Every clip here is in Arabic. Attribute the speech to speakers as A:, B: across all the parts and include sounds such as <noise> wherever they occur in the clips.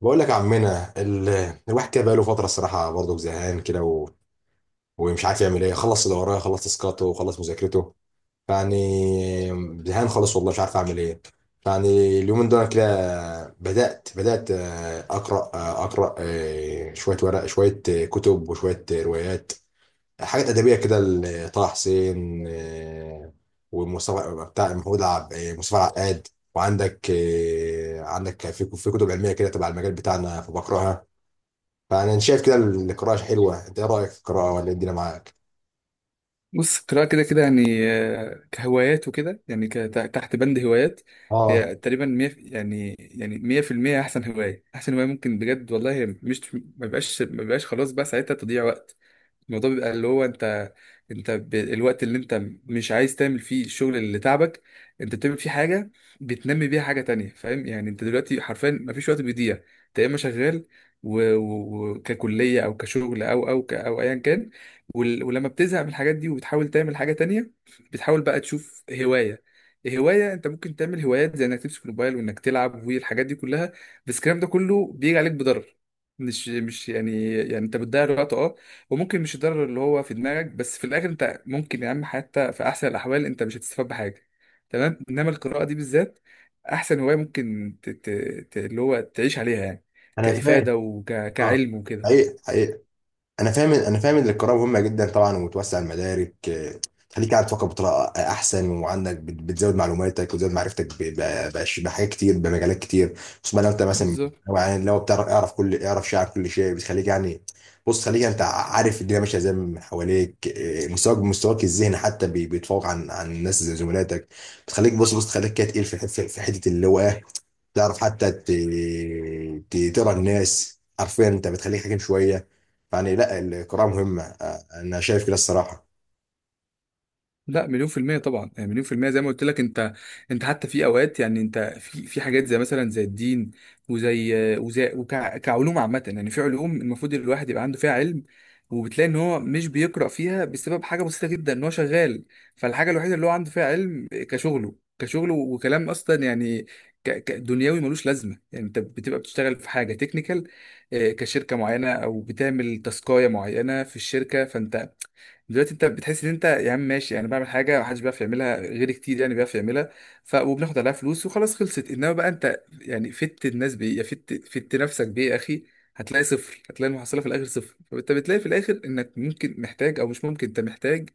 A: بقول لك يا عمنا الواحد كده بقاله فتره، الصراحه برضه زهقان كده ومش عارف يعمل ايه. خلص اللي وراه، خلص تسكاته وخلص مذاكرته يعني. زهقان خالص والله، مش عارف اعمل ايه يعني اليومين دول كده. بدات اقرا، اقرا، شويه ورق، شويه كتب، وشويه روايات، حاجات ادبيه كده. لطه حسين، ومصطفى بتاع محمود عب... آه، مصطفى عقاد. وعندك، عندك في كتب علميه كده تبع المجال بتاعنا فبقراها. فانا شايف كده القراءه حلوه، انت ايه رايك في القراءه، ولا إيه الدنيا معاك؟
B: بص، القراءة كده كده يعني، كهوايات وكده، يعني تحت بند هوايات.
A: اه.
B: هي تقريبا 100% أحسن هواية، أحسن هواية ممكن بجد والله. هي مش، ما بيبقاش خلاص بقى ساعتها تضييع وقت. الموضوع بيبقى اللي هو انت، الوقت اللي انت مش عايز تعمل فيه الشغل اللي تعبك، انت بتعمل فيه حاجه بتنمي بيها حاجه تانية. فاهم يعني؟ انت دلوقتي حرفيا مفيش وقت بيضيع. انت يا اما شغال ككليه او كشغل او او ايا كان، ولما بتزهق من الحاجات دي وبتحاول تعمل حاجه تانية، بتحاول بقى تشوف هوايه. هواية انت ممكن تعمل، هوايات زي انك تمسك الموبايل وانك تلعب والحاجات دي كلها، بس الكلام ده كله بيجي عليك بضرر. مش مش يعني يعني انت بتضيع الوقت، اه. وممكن مش الضرر اللي هو في دماغك بس، في الاخر انت ممكن يا عم حتى في احسن الاحوال انت مش هتستفاد بحاجه. تمام؟ انما القراءه دي بالذات احسن هوايه ممكن اللي هو تعيش عليها يعني،
A: انا فاهم.
B: كافاده
A: اه،
B: وكعلم وكده.
A: حقيقي. انا فاهم، ان القراءه مهمه جدا طبعا، وبتوسع المدارك. تخليك قاعد تفكر بطريقه احسن، وعندك بتزود معلوماتك وتزود معرفتك بحاجات كتير، بمجالات كتير. خصوصا لو انت مثلا،
B: بالظبط.
A: لو بتعرف، اعرف كل، اعرف شيء عن كل شيء، بتخليك يعني. بص، خليك انت عارف الدنيا ماشيه ازاي من حواليك. مستواك، الذهني حتى بيتفوق عن الناس زي زملاتك. بتخليك بص، بص تخليك كده تقيل في حته اللي هو تعرف حتى تقرا الناس حرفيا. انت بتخليك حكيم شويه يعني. لا القراءه مهمه، انا شايف كده الصراحه.
B: لا، 1000000% طبعا، يعني 1000000% زي ما قلت لك. انت انت حتى في اوقات يعني انت، في في حاجات زي مثلا زي الدين، وزي وكعلوم عامة، يعني في علوم المفروض الواحد يبقى عنده فيها علم، وبتلاقي ان هو مش بيقرأ فيها بسبب حاجة بسيطة جدا، ان هو شغال. فالحاجة الوحيدة اللي هو عنده فيها علم كشغله، كشغله وكلام اصلا يعني، دنيوي ملوش لازمة. يعني انت بتبقى بتشتغل في حاجة تكنيكال كشركة معينة، او بتعمل تاسكاية معينة في الشركة، فانت دلوقتي انت بتحس ان انت يا عم ماشي، يعني بعمل حاجه محدش بيعرف يعملها غير كتير يعني بيعرف يعملها، ف وبناخد عليها فلوس وخلاص خلصت. انما بقى انت يعني فت الناس بايه يا، فت نفسك بايه يا اخي؟ هتلاقي صفر، هتلاقي المحصله في الاخر صفر. فانت بتلاقي في الاخر انك ممكن محتاج، او مش ممكن، انت محتاج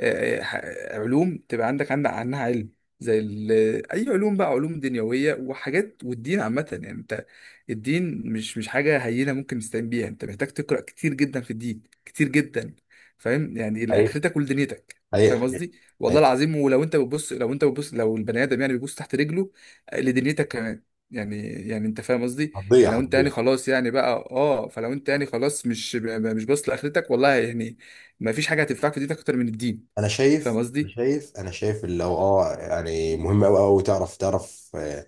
B: آه، ح- علوم تبقى عندك عنها علم، زي ال- اي علوم بقى، علوم دنيويه وحاجات، والدين عامه. يعني انت الدين مش حاجه هينه ممكن تستعين بيها، انت محتاج تقرا كتير جدا في الدين، كتير جدا. فاهم يعني؟
A: هي
B: لاخرتك ولدنيتك.
A: هي
B: فاهم قصدي؟ والله
A: هي-
B: العظيم، ولو انت بتبص لو انت بتبص لو البني ادم يعني بيبص تحت رجله، آه، لدنيتك كمان يعني. يعني انت فاهم قصدي.
A: هتضيع
B: يعني لو انت يعني
A: هتضيع
B: خلاص يعني بقى، اه، فلو انت يعني خلاص مش، باصص لاخرتك، والله يعني ما فيش حاجه هتنفعك في دنيتك اكتر من الدين.
A: انا
B: فاهم
A: شايف،
B: قصدي؟
A: اللي هو اه يعني مهم. قوي قوي تعرف، تعرف.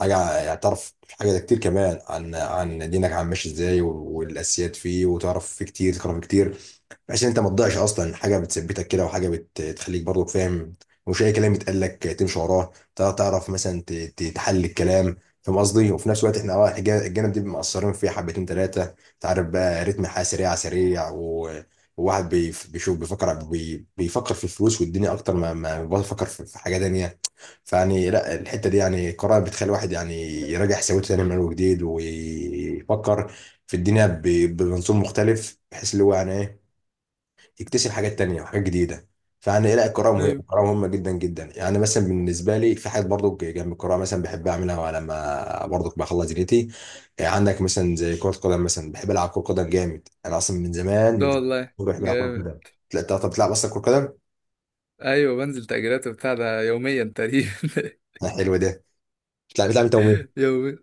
A: حاجه يعني، تعرف حاجه ده كتير كمان عن دينك عم ماشي ازاي والاساسيات فيه، وتعرف فيه كتير، تقرا فيه كتير. بحيث ان انت ما تضيعش اصلا، حاجه بتثبتك كده، وحاجه بتخليك برضو فاهم. مش اي كلام يتقال لك تمشي وراه، تعرف مثلا تحلل الكلام، فاهم قصدي. وفي نفس الوقت احنا اه الجانب دي مقصرين فيه حبتين ثلاثه. انت عارف بقى رتم الحياه سريع سريع، وواحد بيشوف، بيفكر، بيفكر في الفلوس والدنيا اكتر ما بفكر في حاجه تانيه. فيعني لا الحته دي يعني قرار، بتخلي الواحد يعني يراجع حساباته تاني من اول وجديد، ويفكر في الدنيا بمنظور مختلف، بحيث اللي هو يعني ايه يكتشف حاجات تانية وحاجات جديدة. فأنا إيه، لا القراءة مهمة،
B: ايوه.
A: القراءة مهمة جدا جدا. يعني مثلا بالنسبة لي في حاجات برضو جنب القراءة مثلا بحب أعملها لما برضو بخلص دنيتي. يعني عندك مثلا زي كرة قدم، مثلا بحب ألعب كرة قدم جامد. أنا أصلا من زمان
B: ده
A: من زمان
B: والله
A: بحب ألعب كرة
B: جامد.
A: قدم. لا، أنت طب بتلعب أصلا كرة قدم؟
B: ايوه، بنزل تأجيرات وبتاع ده يوميا تقريبا. <laughs>
A: لا، حلو ده. بتلعب، أنت ومين؟
B: <laughs> يوميا.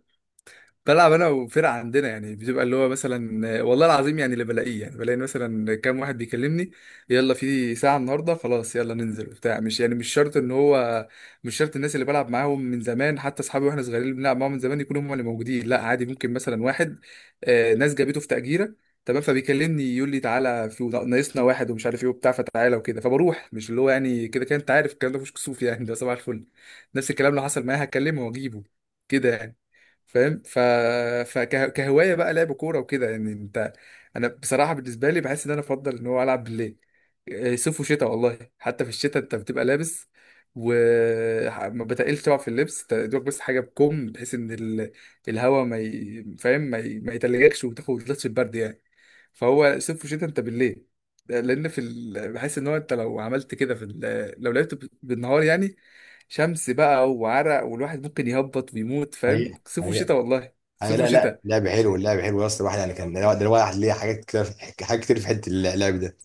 B: بلعب انا وفرقه عندنا، يعني بتبقى اللي هو مثلا، آه، والله العظيم، يعني اللي بلاقيه، يعني بلاقي مثلا كام واحد بيكلمني، يلا في ساعه النهارده خلاص يلا ننزل وبتاع. مش يعني مش شرط ان هو، مش شرط الناس اللي بلعب معاهم من زمان، حتى اصحابي واحنا صغيرين اللي بنلعب معاهم من زمان، يكونوا هم اللي موجودين. لا، عادي، ممكن مثلا واحد، ناس جابته في تأجيرة، تمام، فبيكلمني يقول لي تعالى، في ناقصنا واحد ومش عارف ايه وبتاع، فتعالى وكده، فبروح. مش اللي هو يعني، كده كده انت عارف الكلام ده مش كسوف يعني، ده صباح الفل. نفس الكلام لو حصل معايا هكلمه واجيبه، كده يعني. فاهم؟ فكهوايه بقى لعب كوره وكده، يعني انت، انا بصراحه بالنسبه لي بحس ان انا افضل ان هو العب بالليل. إيه، صيف وشتاء والله. حتى في الشتاء انت بتبقى لابس، وما بتقلش طبعا في اللبس، انت دوك بس حاجه بكم، بحيث ان الهواء ما فاهم، ما يتلجكش وتاخد لطش البرد يعني. فهو صيف وشتاء انت بالليل، لان في بحس ان هو انت لو عملت كده في لو لعبت بالنهار يعني، شمس بقى وعرق، والواحد ممكن يهبط ويموت. فاهم؟
A: حقيقة،
B: صيف
A: حقيقة.
B: وشتاء والله،
A: آه
B: صيف
A: لا لا،
B: وشتاء.
A: لعب حلو. اللعب حلو يا اسطى. الواحد يعني كان ده، الواحد ليه حاجات كتير، في حاجات كتير في حته اللعب ده.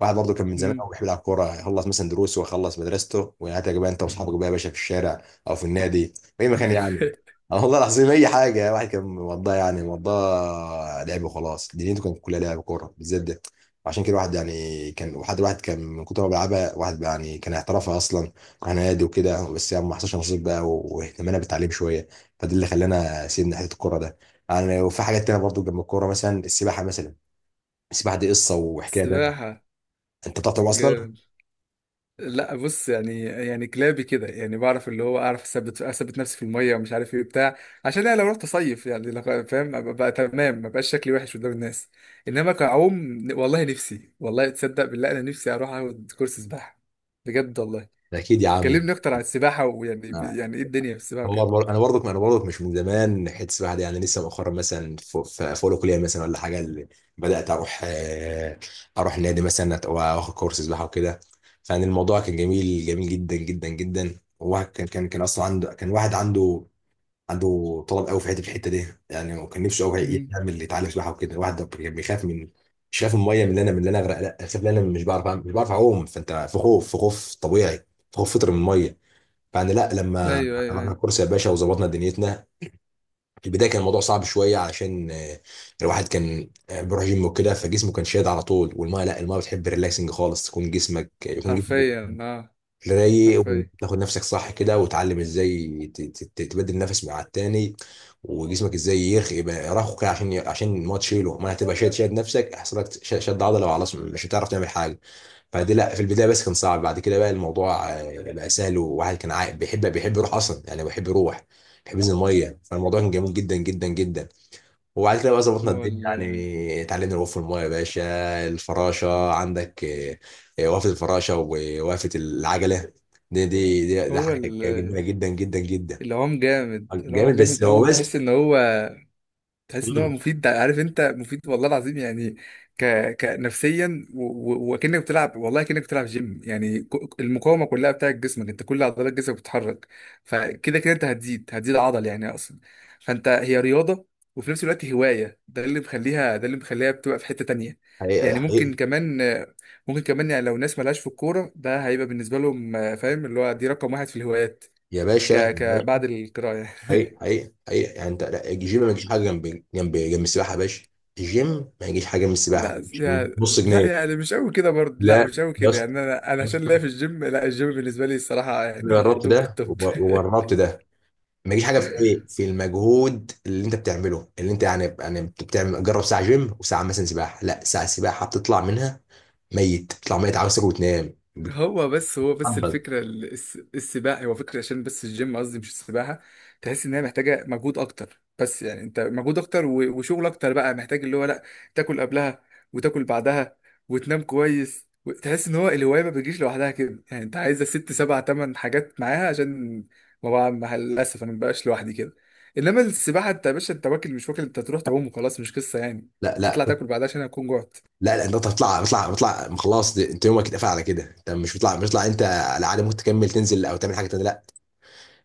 A: واحد برضه كان من زمان
B: مم.
A: قوي بيحب يلعب كوره، يخلص مثلا دروسه ويخلص مدرسته ويعاتك بقى انت واصحابك بقى يا باشا في الشارع، او في النادي، في اي مكان
B: <laughs>
A: يعني. آه والله العظيم اي حاجه الواحد كان مقضاها، يعني مقضاها لعب وخلاص. دنيته كانت كلها لعب كوره بالذات ده. وعشان كده الواحد يعني كان وحد، واحد كان من كتر ما بيلعبها واحد بقى، يعني كان احترافها اصلا على نادي وكده، بس يعني ما حصلش نصيب بقى، واهتمامنا بالتعليم شويه، فده اللي خلانا سيبنا حته الكوره ده يعني. وفي حاجات تانية برضو جنب الكوره، مثلا السباحه مثلا. السباحه دي قصه وحكايه بقى.
B: السباحة،
A: انت بتعرف تعوم اصلا؟
B: جامد. لا بص، يعني يعني كلابي كده يعني، بعرف اللي هو، اعرف اثبت نفسي في الميه ومش عارف ايه بتاع عشان انا لو رحت اصيف يعني لو، فاهم ابقى بقى تمام، ما بقاش شكلي وحش قدام الناس. انما كعوم، والله نفسي، والله تصدق بالله انا نفسي اروح اخد كورس سباحه، بجد والله.
A: اكيد يا عم.
B: كلمني اكتر عن السباحه، ويعني
A: آه،
B: يعني ايه الدنيا في السباحه
A: هو
B: وكده؟
A: انا برضك، مش من زمان حته السباحه دي، يعني لسه مؤخرا مثلا في اولى كليه مثلا ولا حاجه اللي بدات اروح. اروح نادي مثلا، واخد كورس سباحه وكده. فيعني الموضوع كان جميل، جميل جدا جدا جدا. وواحد كان اصلا عنده، كان واحد عنده، عنده طلب قوي في حته الحته دي، يعني هو كان نفسه قوي
B: مم.
A: يعمل، يتعلم سباحه وكده. الواحد ده كان بيخاف من، مش خايف من الميه من اللي انا، من اللي انا اغرق، لا خايف ان انا مش بعرف مش بعرف اعوم. فانت في خوف، في خوف طبيعي، في خوف فطري من الميه. فانا لا لما
B: ايوه ايوه
A: رحنا
B: ايوه.
A: الكورس يا باشا وظبطنا دنيتنا. في البدايه كان الموضوع صعب شويه علشان الواحد كان بيروح جيم وكده فجسمه كان شاد على طول. والميه لا، الميه بتحب ريلاكسنج خالص، تكون جسمك، يكون جسمك
B: حرفيا اه.
A: رايق،
B: حرفيا.
A: وتاخد نفسك صح كده، وتعلم ازاي تبدل نفس مع التاني. وجسمك ازاي يرخي، يبقى يرخو كده، عشان الماتش تشيله. ما هتبقى شاد، شاد نفسك، هيحصل لك شد عضله وخلاص، مش هتعرف تعمل حاجه. فدي لا في البدايه بس كان صعب. بعد كده بقى الموضوع بقى سهل، وواحد كان عايق بيحب، يروح اصلا يعني، بيحب يروح، بيحب ينزل الميه، فالموضوع كان جميل جدا جدا جدا. وبعد كده بقى ظبطنا
B: هو
A: الدنيا
B: ال
A: يعني، اتعلمنا الوقوف في المايه يا باشا. الفراشه عندك، وقفه الفراشه ووقفه العجله. دي، دي، دي
B: هو
A: حاجه
B: ال
A: جميله جدا جدا جدا.
B: العوم جامد، العوم
A: جامد بس.
B: جامد
A: هو
B: قوي.
A: بس.
B: تحس ان هو، تحس ان هو
A: مم.
B: مفيد ده، عارف؟ انت مفيد والله العظيم يعني، ك... كنفسيا، وكانك بتلعب، والله كانك بتلعب جيم يعني، المقاومه كلها بتاعت جسمك، انت كل عضلات جسمك بتتحرك. فكده كده انت هتزيد عضل يعني اصلا. فانت، هي رياضه وفي نفس الوقت هوايه. ده اللي مخليها، بتبقى في حته تانية.
A: حقيقي،
B: يعني ممكن
A: حقيقي.
B: كمان، يعني لو ناس ملهاش في الكوره، ده هيبقى بالنسبه لهم فاهم اللي هو، دي رقم واحد في الهوايات،
A: يا باشا، يا باشا.
B: بعد القراءه يعني.
A: حقيقي، حقيقي، حقيقي يعني. انت لا، الجيم ما يجيش حاجه جنب جنب السباحه يا باشا. الجيم ما يجيش حاجه جنب السباحه،
B: لا
A: مش
B: يعني،
A: نص جنيه.
B: مش قوي كده برضه، لا مش
A: لا
B: قوي
A: يا
B: كده يعني.
A: اسطى،
B: انا
A: يا
B: عشان
A: اسطى،
B: ليا في الجيم، لا الجيم بالنسبه لي الصراحه
A: أنا
B: يعني
A: جربت
B: توب
A: ده
B: التوب. <laughs>
A: وجربت ده. ما يجيش حاجه في ايه، في المجهود اللي انت بتعمله، اللي انت يعني يعني بتعمل. جرب ساعه جيم، وساعه مثلا سباحه. لا ساعه سباحه بتطلع منها ميت، بتطلع ميت عاوز تاكل وتنام،
B: هو بس
A: بتتعضل.
B: الفكره، السباحه، هو فكره عشان بس الجيم قصدي مش السباحه. تحس ان هي محتاجه مجهود اكتر، بس يعني انت مجهود اكتر وشغل اكتر بقى محتاج اللي هو، لا، تاكل قبلها وتاكل بعدها وتنام كويس. تحس ان هو الهوايه ما بتجيش لوحدها كده، يعني انت عايزه ست سبع تمن حاجات معاها عشان، ما بقى مع للاسف انا ما بقاش لوحدي كده. انما السباحه انت يا باشا، انت واكل مش واكل، انت تروح تعوم وخلاص، مش قصه يعني.
A: لا لا
B: تطلع تاكل بعدها عشان هتكون جوعت.
A: لا، لا انت بتطلع، بتطلع خلاص. انت يومك اتقفل على كده. انت مش بتطلع، انت على عاده ممكن تكمل تنزل او تعمل حاجه تانيه، لا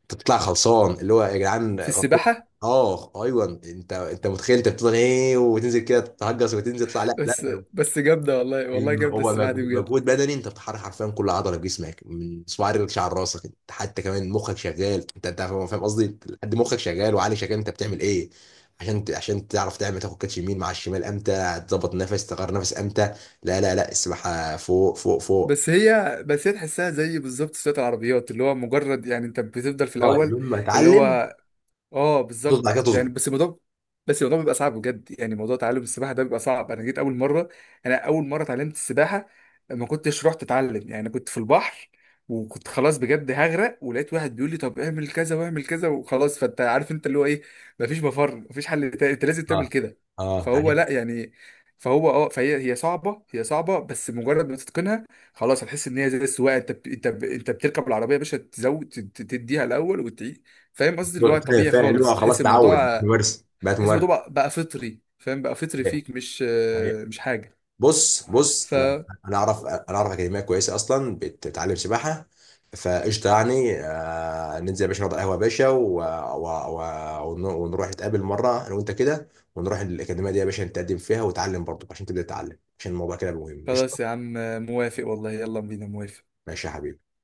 A: انت بتطلع خلصان، اللي هو يا جدعان
B: في
A: غطيت.
B: السباحه.
A: اه ايوه انت، انت متخيل انت بتفضل ايه وتنزل كده تهجس وتنزل، تطلع لا
B: بس
A: لا.
B: بس جامدة، والله والله
A: مم.
B: جامدة
A: هو
B: السباحة دي
A: مجهود،
B: بجد.
A: مجهود بدني. انت بتحرك حرفيا كل عضله في جسمك، من صباع رجلك، شعر راسك. انت حتى كمان مخك شغال، انت، انت فاهم، قصدي لحد مخك شغال، وعقلك شغال. انت بتعمل ايه عشان عشان تعرف تعمل، تاخد كاتش يمين مع الشمال، امتى تظبط نفس، تغير نفس امتى. لا لا لا، السباحه فوق فوق فوق.
B: بس هي تحسها زي بالظبط سواقة العربيات، اللي هو مجرد يعني انت بتفضل في
A: اه
B: الأول،
A: يوم ما
B: اللي
A: اتعلم.
B: هو، اه
A: تظبط، بعد كده
B: بالظبط يعني.
A: تظبط.
B: بس الموضوع بيبقى صعب بجد، يعني موضوع تعلم السباحه ده بيبقى صعب. انا جيت اول مره، انا اول مره اتعلمت السباحه ما كنتش رحت اتعلم يعني، كنت في البحر وكنت خلاص بجد هغرق، ولقيت واحد بيقول لي طب اعمل كذا واعمل كذا وخلاص، فانت عارف انت اللي هو ايه، مفيش مفر، مفيش حل تاني انت لازم تعمل
A: اه،
B: كده.
A: اه
B: فهو
A: حقيقي.
B: لا يعني، فهو اه فهي هي صعبه بس مجرد ما تتقنها خلاص، هتحس ان هي زي السواقه. انت انت بتركب العربيه يا باشا، تزود تديها الاول. فاهم قصدي؟ اللي هو
A: فاهم،
B: طبيعي
A: فاهم اللي
B: خالص،
A: هو
B: بتحس
A: خلاص، تعود
B: الموضوع،
A: ممارسه، بقت
B: تحس الموضوع
A: ممارسه.
B: بقى فطري، فاهم؟ بقى فطري فيك، مش، حاجة.
A: بص،
B: ف،
A: انا انا اعرف، اكاديميه كويسه اصلا بتعلم سباحه. فقشطه يعني. ننزل يا باشا، نقعد على القهوه يا باشا، ونروح نتقابل مره انا وانت كده. ونروح الاكاديميه دي يا باشا، نتقدم فيها وتعلم برضه، عشان تبدا تتعلم، عشان الموضوع كده مهم.
B: خلاص يا
A: قشطه.
B: عم، موافق والله، يلا بينا، موافق.
A: ماشي يا حبيبي.